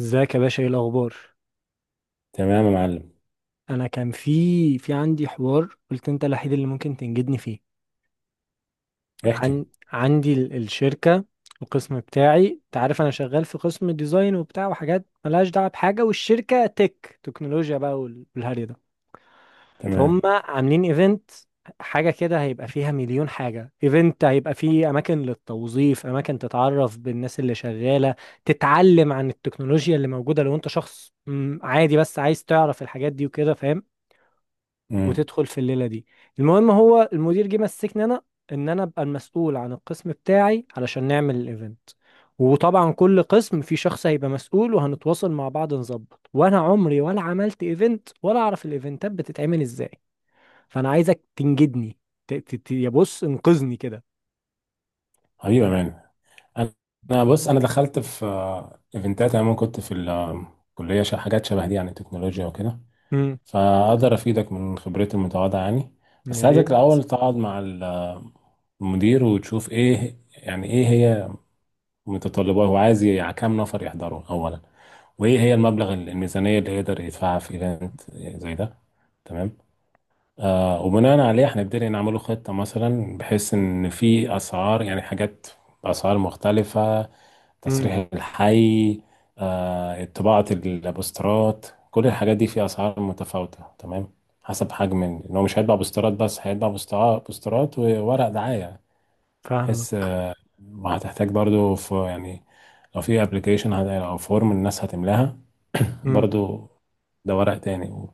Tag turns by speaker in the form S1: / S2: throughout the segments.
S1: ازيك يا باشا؟ ايه الاخبار؟
S2: تمام يا معلم.
S1: انا كان في عندي حوار، قلت انت الوحيد اللي ممكن تنجدني فيه.
S2: احكي.
S1: عن عندي الشركه. القسم بتاعي، انت عارف، انا شغال في قسم ديزاين وبتاع وحاجات ملهاش دعوه بحاجه، والشركه تك تكنولوجيا بقى والهري ده. فهم
S2: تمام.
S1: عاملين ايفنت، حاجه كده هيبقى فيها مليون حاجه. ايفنت هيبقى فيه اماكن للتوظيف، اماكن تتعرف بالناس اللي شغاله، تتعلم عن التكنولوجيا اللي موجوده، لو انت شخص عادي بس عايز تعرف الحاجات دي وكده، فاهم؟
S2: امم.
S1: وتدخل في الليله دي. المهم، هو المدير جه مسكني انا، ان انا ابقى المسؤول عن القسم بتاعي علشان نعمل الايفنت. وطبعا كل قسم في شخص هيبقى مسؤول وهنتواصل مع بعض نظبط. وانا عمري ولا عملت ايفنت ولا اعرف الايفنتات بتتعمل ازاي، فانا عايزك تنجدني. يا، بص انقذني كده.
S2: حبيبي يا مان. انا أنا بص، انا دخلت في ايفنتات. انا كنت في الكليه، حاجات شبه دي، يعني تكنولوجيا وكده.
S1: امم.
S2: فاقدر افيدك من خبرتي المتواضعه يعني.
S1: يا
S2: بس عايزك
S1: ريت.
S2: الاول تقعد مع المدير وتشوف ايه، يعني ايه هي متطلبات، هو عايز كام نفر يحضروا اولا، وايه هي المبلغ الميزانيه اللي يقدر يدفعها في ايفنت زي ده. تمام. وبناء عليه هنبتدي نعمله خطة، مثلا بحيث إن في أسعار، يعني حاجات بأسعار مختلفة.
S1: امم.
S2: تصريح الحي، طباعة البوسترات، كل الحاجات دي في أسعار متفاوتة. تمام. حسب حجم إن هو مش هيطبع بوسترات بس، هيطبع بوسترات وورق دعاية، بحيث
S1: فاهمك.
S2: وهتحتاج برضو في يعني لو في أبلكيشن أو فورم الناس هتملاها. برضو ده ورق تاني.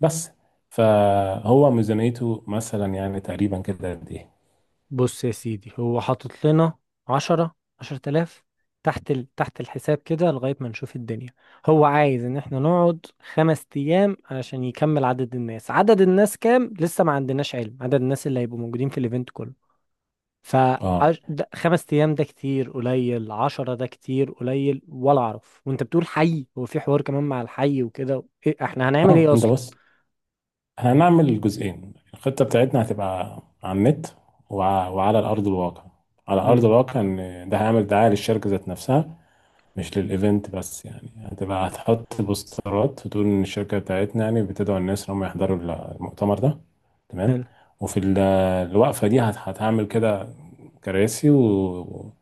S2: بس فهو ميزانيته مثلا يعني تقريبا كده قد ايه؟
S1: بص يا سيدي، هو حاطط لنا 10 آلاف تحت تحت الحساب كده، لغاية ما نشوف الدنيا. هو عايز إن احنا نقعد 5 أيام علشان يكمل عدد الناس. عدد الناس كام؟ لسه ما عندناش علم عدد الناس اللي هيبقوا موجودين في الإيفنت كله. ف
S2: اه
S1: 5 أيام ده كتير قليل؟ 10 ده كتير قليل ولا أعرف؟ وأنت بتقول حي، هو في حوار كمان مع الحي وكده، إيه احنا هنعمل
S2: اه،
S1: إيه
S2: انت
S1: أصلا؟
S2: بص، هنعمل جزئين. الخطه بتاعتنا هتبقى على النت وعلى الارض الواقع. على ارض
S1: امم.
S2: الواقع ان ده هيعمل دعايه للشركه ذات نفسها، مش للايفنت بس. يعني هتبقى هتحط بوسترات وتقول ان الشركه بتاعتنا يعني بتدعو الناس ان هم يحضروا المؤتمر ده. تمام.
S1: حلو.
S2: وفي الوقفه دي هتعمل كده كراسي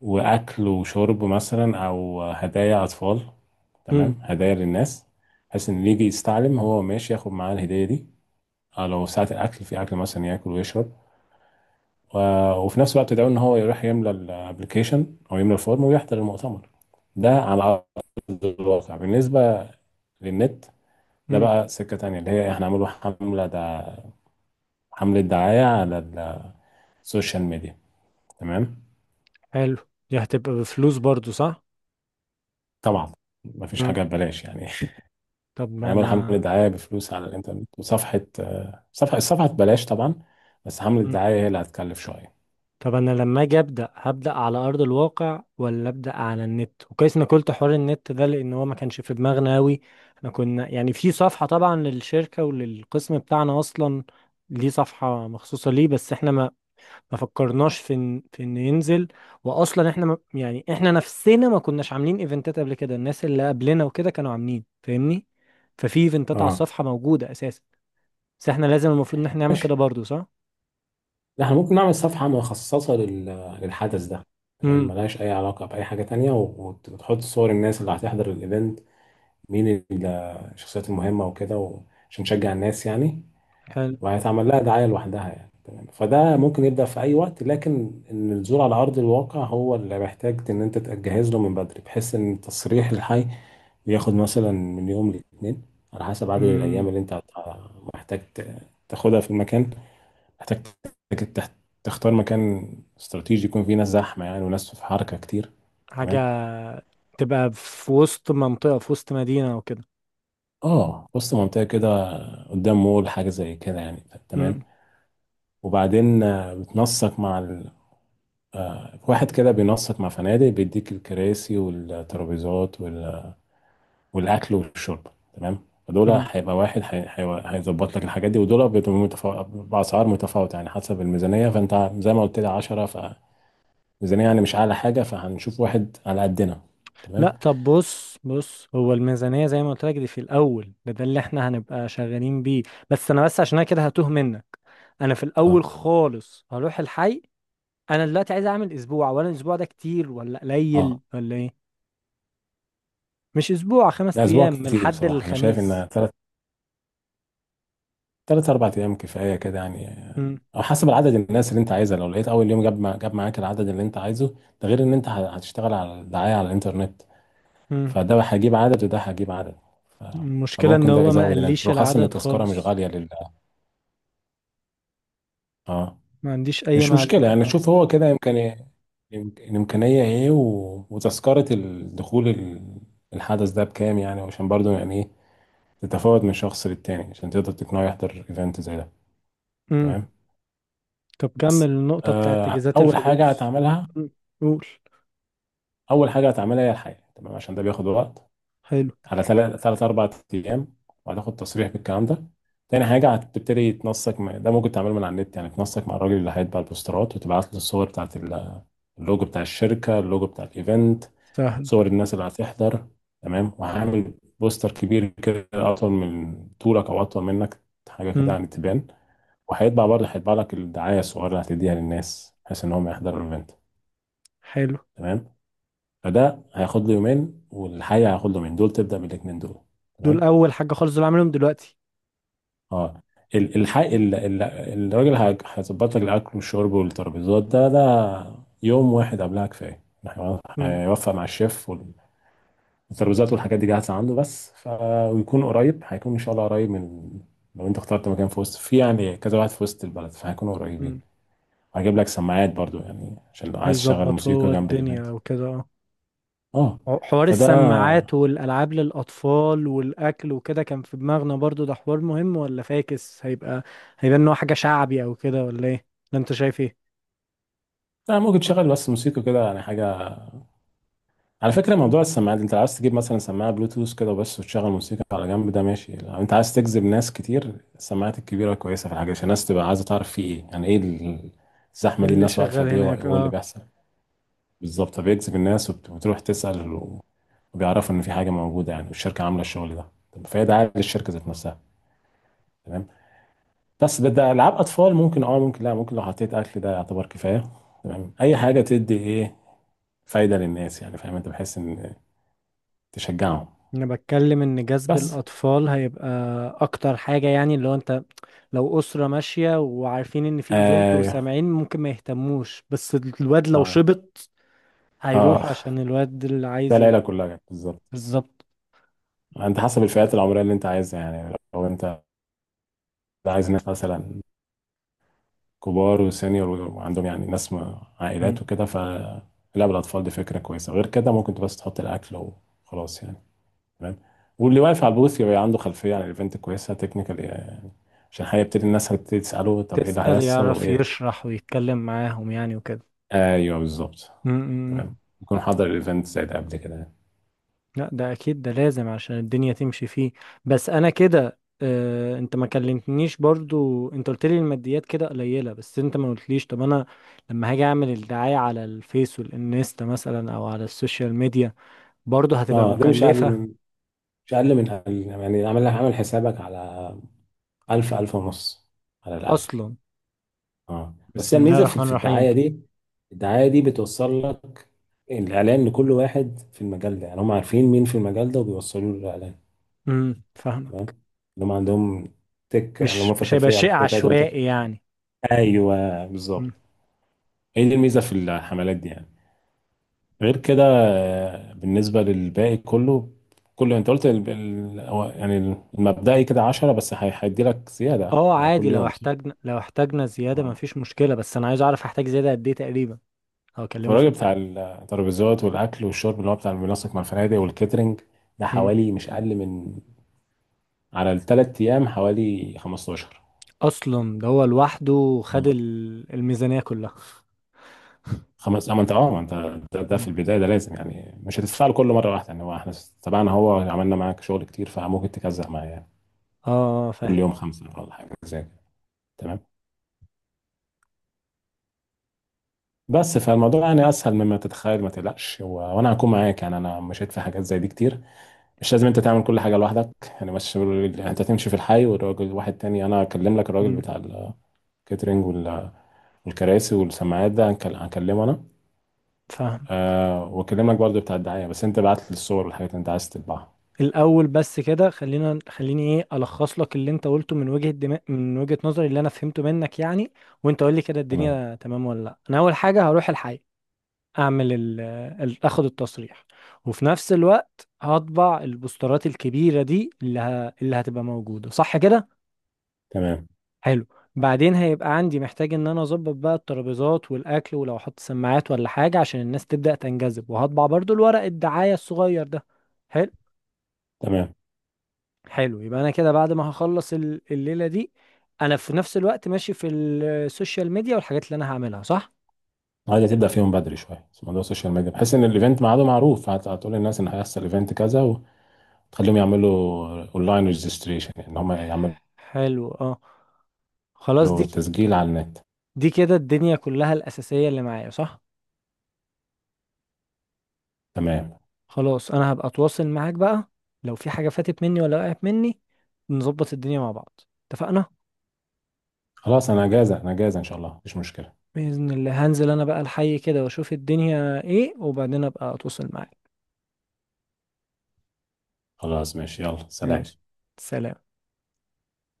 S2: واكل وشرب مثلا، او هدايا اطفال.
S1: امم.
S2: تمام، هدايا للناس، بحيث ان اللي يجي يستعلم هو ماشي ياخد معاه الهديه دي، أو لو ساعه الاكل، في اكل مثلا ياكل ويشرب، و... وفي نفس الوقت ده ان هو يروح يملى الابلكيشن او يملى الفورم ويحضر المؤتمر. ده على ارض الواقع. بالنسبه للنت، ده
S1: امم.
S2: بقى سكه تانية، اللي هي احنا عملوا حمله ده، حمله دعايه على السوشيال ميديا. تمام.
S1: حلو. دي هتبقى بفلوس برضو، صح؟
S2: طبعا مفيش حاجه ببلاش يعني.
S1: طب ما
S2: يعملوا حملة
S1: انا.
S2: دعاية بفلوس على الإنترنت، وصفحة، صفحة، الصفحة ببلاش طبعا، بس حملة
S1: مم.
S2: الدعاية هي اللي هتكلف شوية.
S1: طب انا لما اجي ابدا، هبدا على ارض الواقع ولا ابدا على النت؟ وكويس انك قلت حوار النت ده، لان هو ما كانش في دماغنا قوي. احنا كنا يعني في صفحه طبعا للشركه وللقسم بتاعنا اصلا. ليه صفحه مخصوصه ليه؟ بس احنا ما فكرناش في ان في انه ينزل. واصلا احنا ما يعني احنا نفسنا ما كناش عاملين ايفنتات قبل كده، الناس اللي قبلنا وكده كانوا عاملين، فاهمني؟ ففي ايفنتات على
S2: اه،
S1: الصفحه موجوده اساسا. بس احنا لازم، المفروض ان احنا نعمل
S2: ماشي.
S1: كده برضو، صح؟
S2: لا، احنا ممكن نعمل صفحة مخصصة لل... للحدث ده. تمام،
S1: امم.
S2: ملهاش أي علاقة بأي حاجة تانية، و وتحط صور الناس اللي هتحضر الإيفنت، مين الشخصيات المهمة وكده، و... عشان نشجع الناس يعني، وهيتعمل لها دعاية لوحدها يعني. تمام. فده ممكن يبدأ في أي وقت، لكن إن الزور على أرض الواقع هو اللي محتاج إن أنت تجهز له من بدري، بحيث إن التصريح الحي بياخد مثلا من يوم لاتنين على حسب عدد الأيام
S1: امم.
S2: اللي أنت محتاج تاخدها في المكان، محتاج تك- تختار مكان استراتيجي يكون فيه ناس زحمة، يعني وناس في حركة كتير.
S1: حاجة
S2: تمام.
S1: تبقى في وسط منطقة، في وسط مدينة او كده.
S2: اه، وسط منطقة كده، قدام مول، حاجة زي كده يعني.
S1: امم.
S2: تمام. وبعدين بتنسق مع واحد كده بينسق مع فنادق، بيديك الكراسي والترابيزات وال- والاكل والشرب. تمام. فدول
S1: امم.
S2: هيبقى واحد هيظبط لك الحاجات دي، ودول بيبقوا باسعار متفاوته يعني حسب الميزانيه. فانت زي ما قلت لي 10، فميزانيه يعني مش اعلى حاجه، فهنشوف واحد على قدنا. تمام.
S1: لا، طب، بص هو الميزانية زي ما قلت لك دي في الأول، ده اللي احنا هنبقى شغالين بيه. بس أنا، بس عشان أنا كده هتوه منك. أنا في
S2: اه
S1: الأول خالص هروح الحي. أنا دلوقتي عايز أعمل أسبوع، ولا الأسبوع ده كتير ولا قليل
S2: اه،
S1: ولا إيه؟ مش أسبوع، خمس
S2: ده اسبوع
S1: أيام من
S2: كتير
S1: الحد
S2: بصراحه. انا شايف ان
S1: للخميس.
S2: ثلاث اربع ايام كفايه كده يعني،
S1: امم.
S2: او حسب عدد الناس اللي انت عايزها. لو لقيت اول يوم جاب معاك العدد اللي انت عايزه، ده غير ان انت هتشتغل على الدعايه على الانترنت.
S1: امم.
S2: فده هجيب عدد وده هجيب عدد. ف-
S1: المشكلة إن
S2: فممكن ده
S1: هو ما
S2: يزود الناس،
S1: قاليش
S2: بالاخص ان
S1: العدد
S2: التذكره مش
S1: خالص.
S2: غاليه لل... اه،
S1: ما عنديش أي
S2: مش
S1: معلومة
S2: مشكله يعني.
S1: عن
S2: شوف هو كده يمكن، الامكانيه ايه، وتذكره الدخول الحدث ده بكام، يعني عشان برضو يعني ايه، تتفاوت من شخص للتاني عشان تقدر تقنعه يحضر ايفنت زي ده.
S1: العدد.
S2: تمام.
S1: طب كمل
S2: بس.
S1: النقطة بتاعت تجهيزات
S2: اول حاجه
S1: الفلوس.
S2: هتعملها،
S1: مم. قول.
S2: اول حاجه هتعملها هي الحقيقه. تمام، عشان ده بياخد وقت،
S1: حلو.
S2: على ثلاث أربع أيام، وهتاخد تصريح بالكلام ده. تاني حاجة هتبتدي تنسق مع، ده ممكن تعمله من على النت يعني، تنسق مع الراجل اللي هيطبع البوسترات وتبعت له الصور بتاعت اللوجو بتاع الشركة، اللوجو بتاع الإيفنت،
S1: سهلة.
S2: صور الناس اللي هتحضر. تمام. وهعمل بوستر كبير كده، أطول من طولك، أو أطول منك، حاجة كده
S1: مم.
S2: يعني تبان. وهيطبع برضه، هيطبع لك الدعاية الصغيرة اللي هتديها للناس بحيث إن هم يحضروا الإيفنت.
S1: حلو.
S2: تمام. فده هياخد له يومين، والحقيقة هياخد له يومين دول تبدأ بالاتنين دول.
S1: دول
S2: تمام.
S1: أول حاجة خالص، دول عاملهم دلوقتي.
S2: اه، ال- الحق ال- ال- الراجل هيظبط لك الاكل والشرب والترابيزات، ده يوم واحد قبلها كفايه. إحنا
S1: مم.
S2: هيوفق مع الشيف، والترابيزات والحاجات دي جاهزه عنده بس، ف ويكون قريب، هيكون ان شاء الله قريب من، لو انت اخترت مكان في وسط، في يعني كذا واحد في وسط البلد، فهيكونوا قريبين.
S1: مم.
S2: هجيب لك سماعات برضو، يعني عشان لو عايز تشغل
S1: هيظبط هو
S2: موسيقى جنب الايفنت.
S1: الدنيا وكده، اه.
S2: اه.
S1: حوار
S2: فده،
S1: السماعات والألعاب للأطفال والأكل وكده كان في دماغنا برضو، ده حوار مهم ولا فاكس؟ هيبقى هيبان إن هو حاجة شعبي أو كده، ولا إيه؟ ولا أنت شايف إيه؟
S2: لا ممكن تشغل بس موسيقى كده يعني حاجه. على فكرة موضوع السماعات، انت عاوز تجيب مثلا سماعة بلوتوث كده بس وتشغل موسيقى على جنب، ده ماشي. لو انت عايز
S1: إيه
S2: تجذب ناس كتير، السماعات الكبيرة كويسة في الحاجة، عشان الناس تبقى عايزة تعرف في ايه، يعني ايه الزحمة دي،
S1: اللي
S2: الناس واقفة
S1: شغال
S2: ليه
S1: هناك؟
S2: وايه اللي
S1: اه.
S2: بيحصل. بالظبط، بيجذب الناس وتروح تسأل، وبيعرفوا ان في حاجة موجودة يعني، والشركة عاملة الشغل ده. طب، فهي دعاية للشركة ذات نفسها. تمام. بس ده، ده ألعاب أطفال، ممكن اه ممكن لا، ممكن لو حطيت أكل ده يعتبر كفاية. تمام. أي حاجة تدي ايه، فايدة للناس يعني، فاهم انت، بحيث ان تشجعهم.
S1: انا بتكلم ان جذب
S2: بس.
S1: الاطفال هيبقى اكتر حاجة، يعني اللي هو انت، لو اسرة ماشية وعارفين ان في ايفنت
S2: ايوه.
S1: وسامعين ممكن ما يهتموش، بس الواد لو
S2: اه.
S1: شبط هيروحوا
S2: اه،
S1: عشان الواد اللي
S2: ده
S1: عايز
S2: العيله كلها كده، بالظبط.
S1: بالظبط.
S2: انت حسب الفئات العمريه اللي انت عايزها يعني، لو انت عايز ناس مثلا كبار وسينيور، وعندهم يعني ناس
S1: مم.
S2: عائلات وكده، فلعب الاطفال دي فكره كويسه. غير كده ممكن بس تحط الاكل وخلاص يعني. تمام. واللي واقف على البوث يبقى عنده خلفيه عن الايفنت كويسه، تكنيكال يعني، عشان هيبتدي الناس هتبتدي تساله طب ايه اللي
S1: تسأل
S2: هيحصل
S1: يعرف
S2: وايه.
S1: يشرح ويتكلم معاهم يعني وكده.
S2: ايوه، بالظبط. تمام.
S1: مم.
S2: يكون حضر الايفنت زي ده قبل كده يعني.
S1: لا، ده اكيد ده لازم عشان الدنيا تمشي فيه. بس انا كده، انت ما كلمتنيش برضو، انت قلت لي الماديات كده قليلة بس انت ما قلتليش، طب انا لما هاجي اعمل الدعاية على الفيس والانستا مثلا او على السوشيال ميديا، برضو هتبقى
S2: اه. ده مش اقل
S1: مكلفة؟
S2: من، مش أقل من يعني، عامل حسابك على 1000 1000 ونص على الأقل.
S1: اصلا.
S2: اه، بس
S1: بسم
S2: هي
S1: الله
S2: الميزة في
S1: الرحمن
S2: في
S1: الرحيم
S2: الدعاية
S1: كده.
S2: دي. الدعاية دي بتوصل لك الإعلان لكل واحد في المجال ده، يعني هم عارفين مين في المجال ده وبيوصلوا له الإعلان.
S1: امم، فاهمة.
S2: تمام. اللي هم عندهم تك يعني،
S1: مش
S2: هم في
S1: مش هيبقى
S2: خلفية، على
S1: شيء
S2: الخلفية بتاعتهم تك.
S1: عشوائي يعني.
S2: أيوه،
S1: مم.
S2: بالظبط. هي دي الميزة في الحملات دي يعني. غير كده بالنسبة للباقي كله، كله انت قلت ال... ال... هو يعني المبدئي كده 10، بس هيدي لك زيادة
S1: اه،
S2: على
S1: عادي،
S2: كل
S1: لو
S2: يوم صح؟
S1: احتاجنا لو احتاجنا زيادة ما
S2: اه.
S1: فيش مشكلة، بس انا عايز اعرف هحتاج زيادة قد ايه تقريبا، او اكلمه في
S2: الراجل
S1: قد
S2: بتاع
S1: ايه؟
S2: الترابيزات والأكل والشرب، اللي هو بتاع المنسق مع الفنادق والكاترينج، ده
S1: مم.
S2: حوالي مش أقل من، على الثلاث أيام حوالي 15.
S1: اصلا ده هو لوحده خد
S2: اه.
S1: الميزانية كلها.
S2: خمس، أما أنت أه ما أنت، ده في
S1: مم.
S2: البداية ده لازم يعني، مش هتدفع له كل مرة واحدة يعني. هو إحنا تبعنا، هو عملنا معاك شغل كتير، فممكن تكزع معاه يعني
S1: اه، فاهم.
S2: كل يوم خمسة ولا حاجة زي كده. تمام. بس فالموضوع يعني اسهل مما تتخيل، ما تقلقش، وانا هكون معاك يعني، انا مشيت في حاجات زي دي كتير. مش لازم انت تعمل كل حاجه لوحدك يعني، مش يعني انت تمشي في الحي والراجل، واحد تاني انا اكلم لك الراجل
S1: مم،
S2: بتاع الكاترينج وال... والكراسي والسماعات ده، هكلمه انا.
S1: فاهم.
S2: أه، واكلم لك برضه بتاع الدعايه، بس انت بعت لي الصور والحاجات اللي انت عايز تطبعها.
S1: الاول بس كده، خليني ايه، الخص لك اللي انت قلته من وجهة نظري اللي انا فهمته منك يعني، وانت قول لي كده
S2: تمام
S1: الدنيا تمام ولا لا. انا اول حاجة هروح الحي، اعمل اخد التصريح، وفي نفس الوقت هطبع البوسترات الكبيرة دي اللي هتبقى موجودة، صح كده؟
S2: تمام
S1: حلو. بعدين هيبقى عندي محتاج ان انا اظبط بقى الترابيزات والاكل، ولو احط سماعات ولا حاجه عشان الناس تبدا تنجذب، وهطبع برضو الورق الدعايه الصغير ده. حلو.
S2: تمام.
S1: حلو، يبقى انا كده بعد ما هخلص الليله دي، انا في نفس الوقت ماشي في السوشيال ميديا والحاجات اللي انا هعملها، صح؟
S2: عايز تبدا فيهم بدري شويه، بس موضوع السوشيال ميديا بحيث ان الايفنت ميعاده معروف، هتقول للناس ان هيحصل ايفنت كذا، تخليهم يعملوا اونلاين ريجستريشن ان هم يعملوا
S1: حلو، اه. خلاص
S2: له
S1: دي،
S2: تسجيل على النت.
S1: كده الدنيا كلها الاساسيه اللي معايا، صح؟
S2: تمام.
S1: خلاص انا هبقى اتواصل معاك بقى، لو في حاجه فاتت مني ولا وقعت مني، نظبط الدنيا مع بعض، اتفقنا؟
S2: خلاص، انا جاهزة، انا جاهزة ان شاء الله، مفيش مشكلة.
S1: بإذن الله هنزل أنا بقى الحي كده وأشوف الدنيا إيه، وبعدين أبقى أتواصل معاك.
S2: خلاص ماشي، يلا
S1: ماشي.
S2: سلام.
S1: سلام.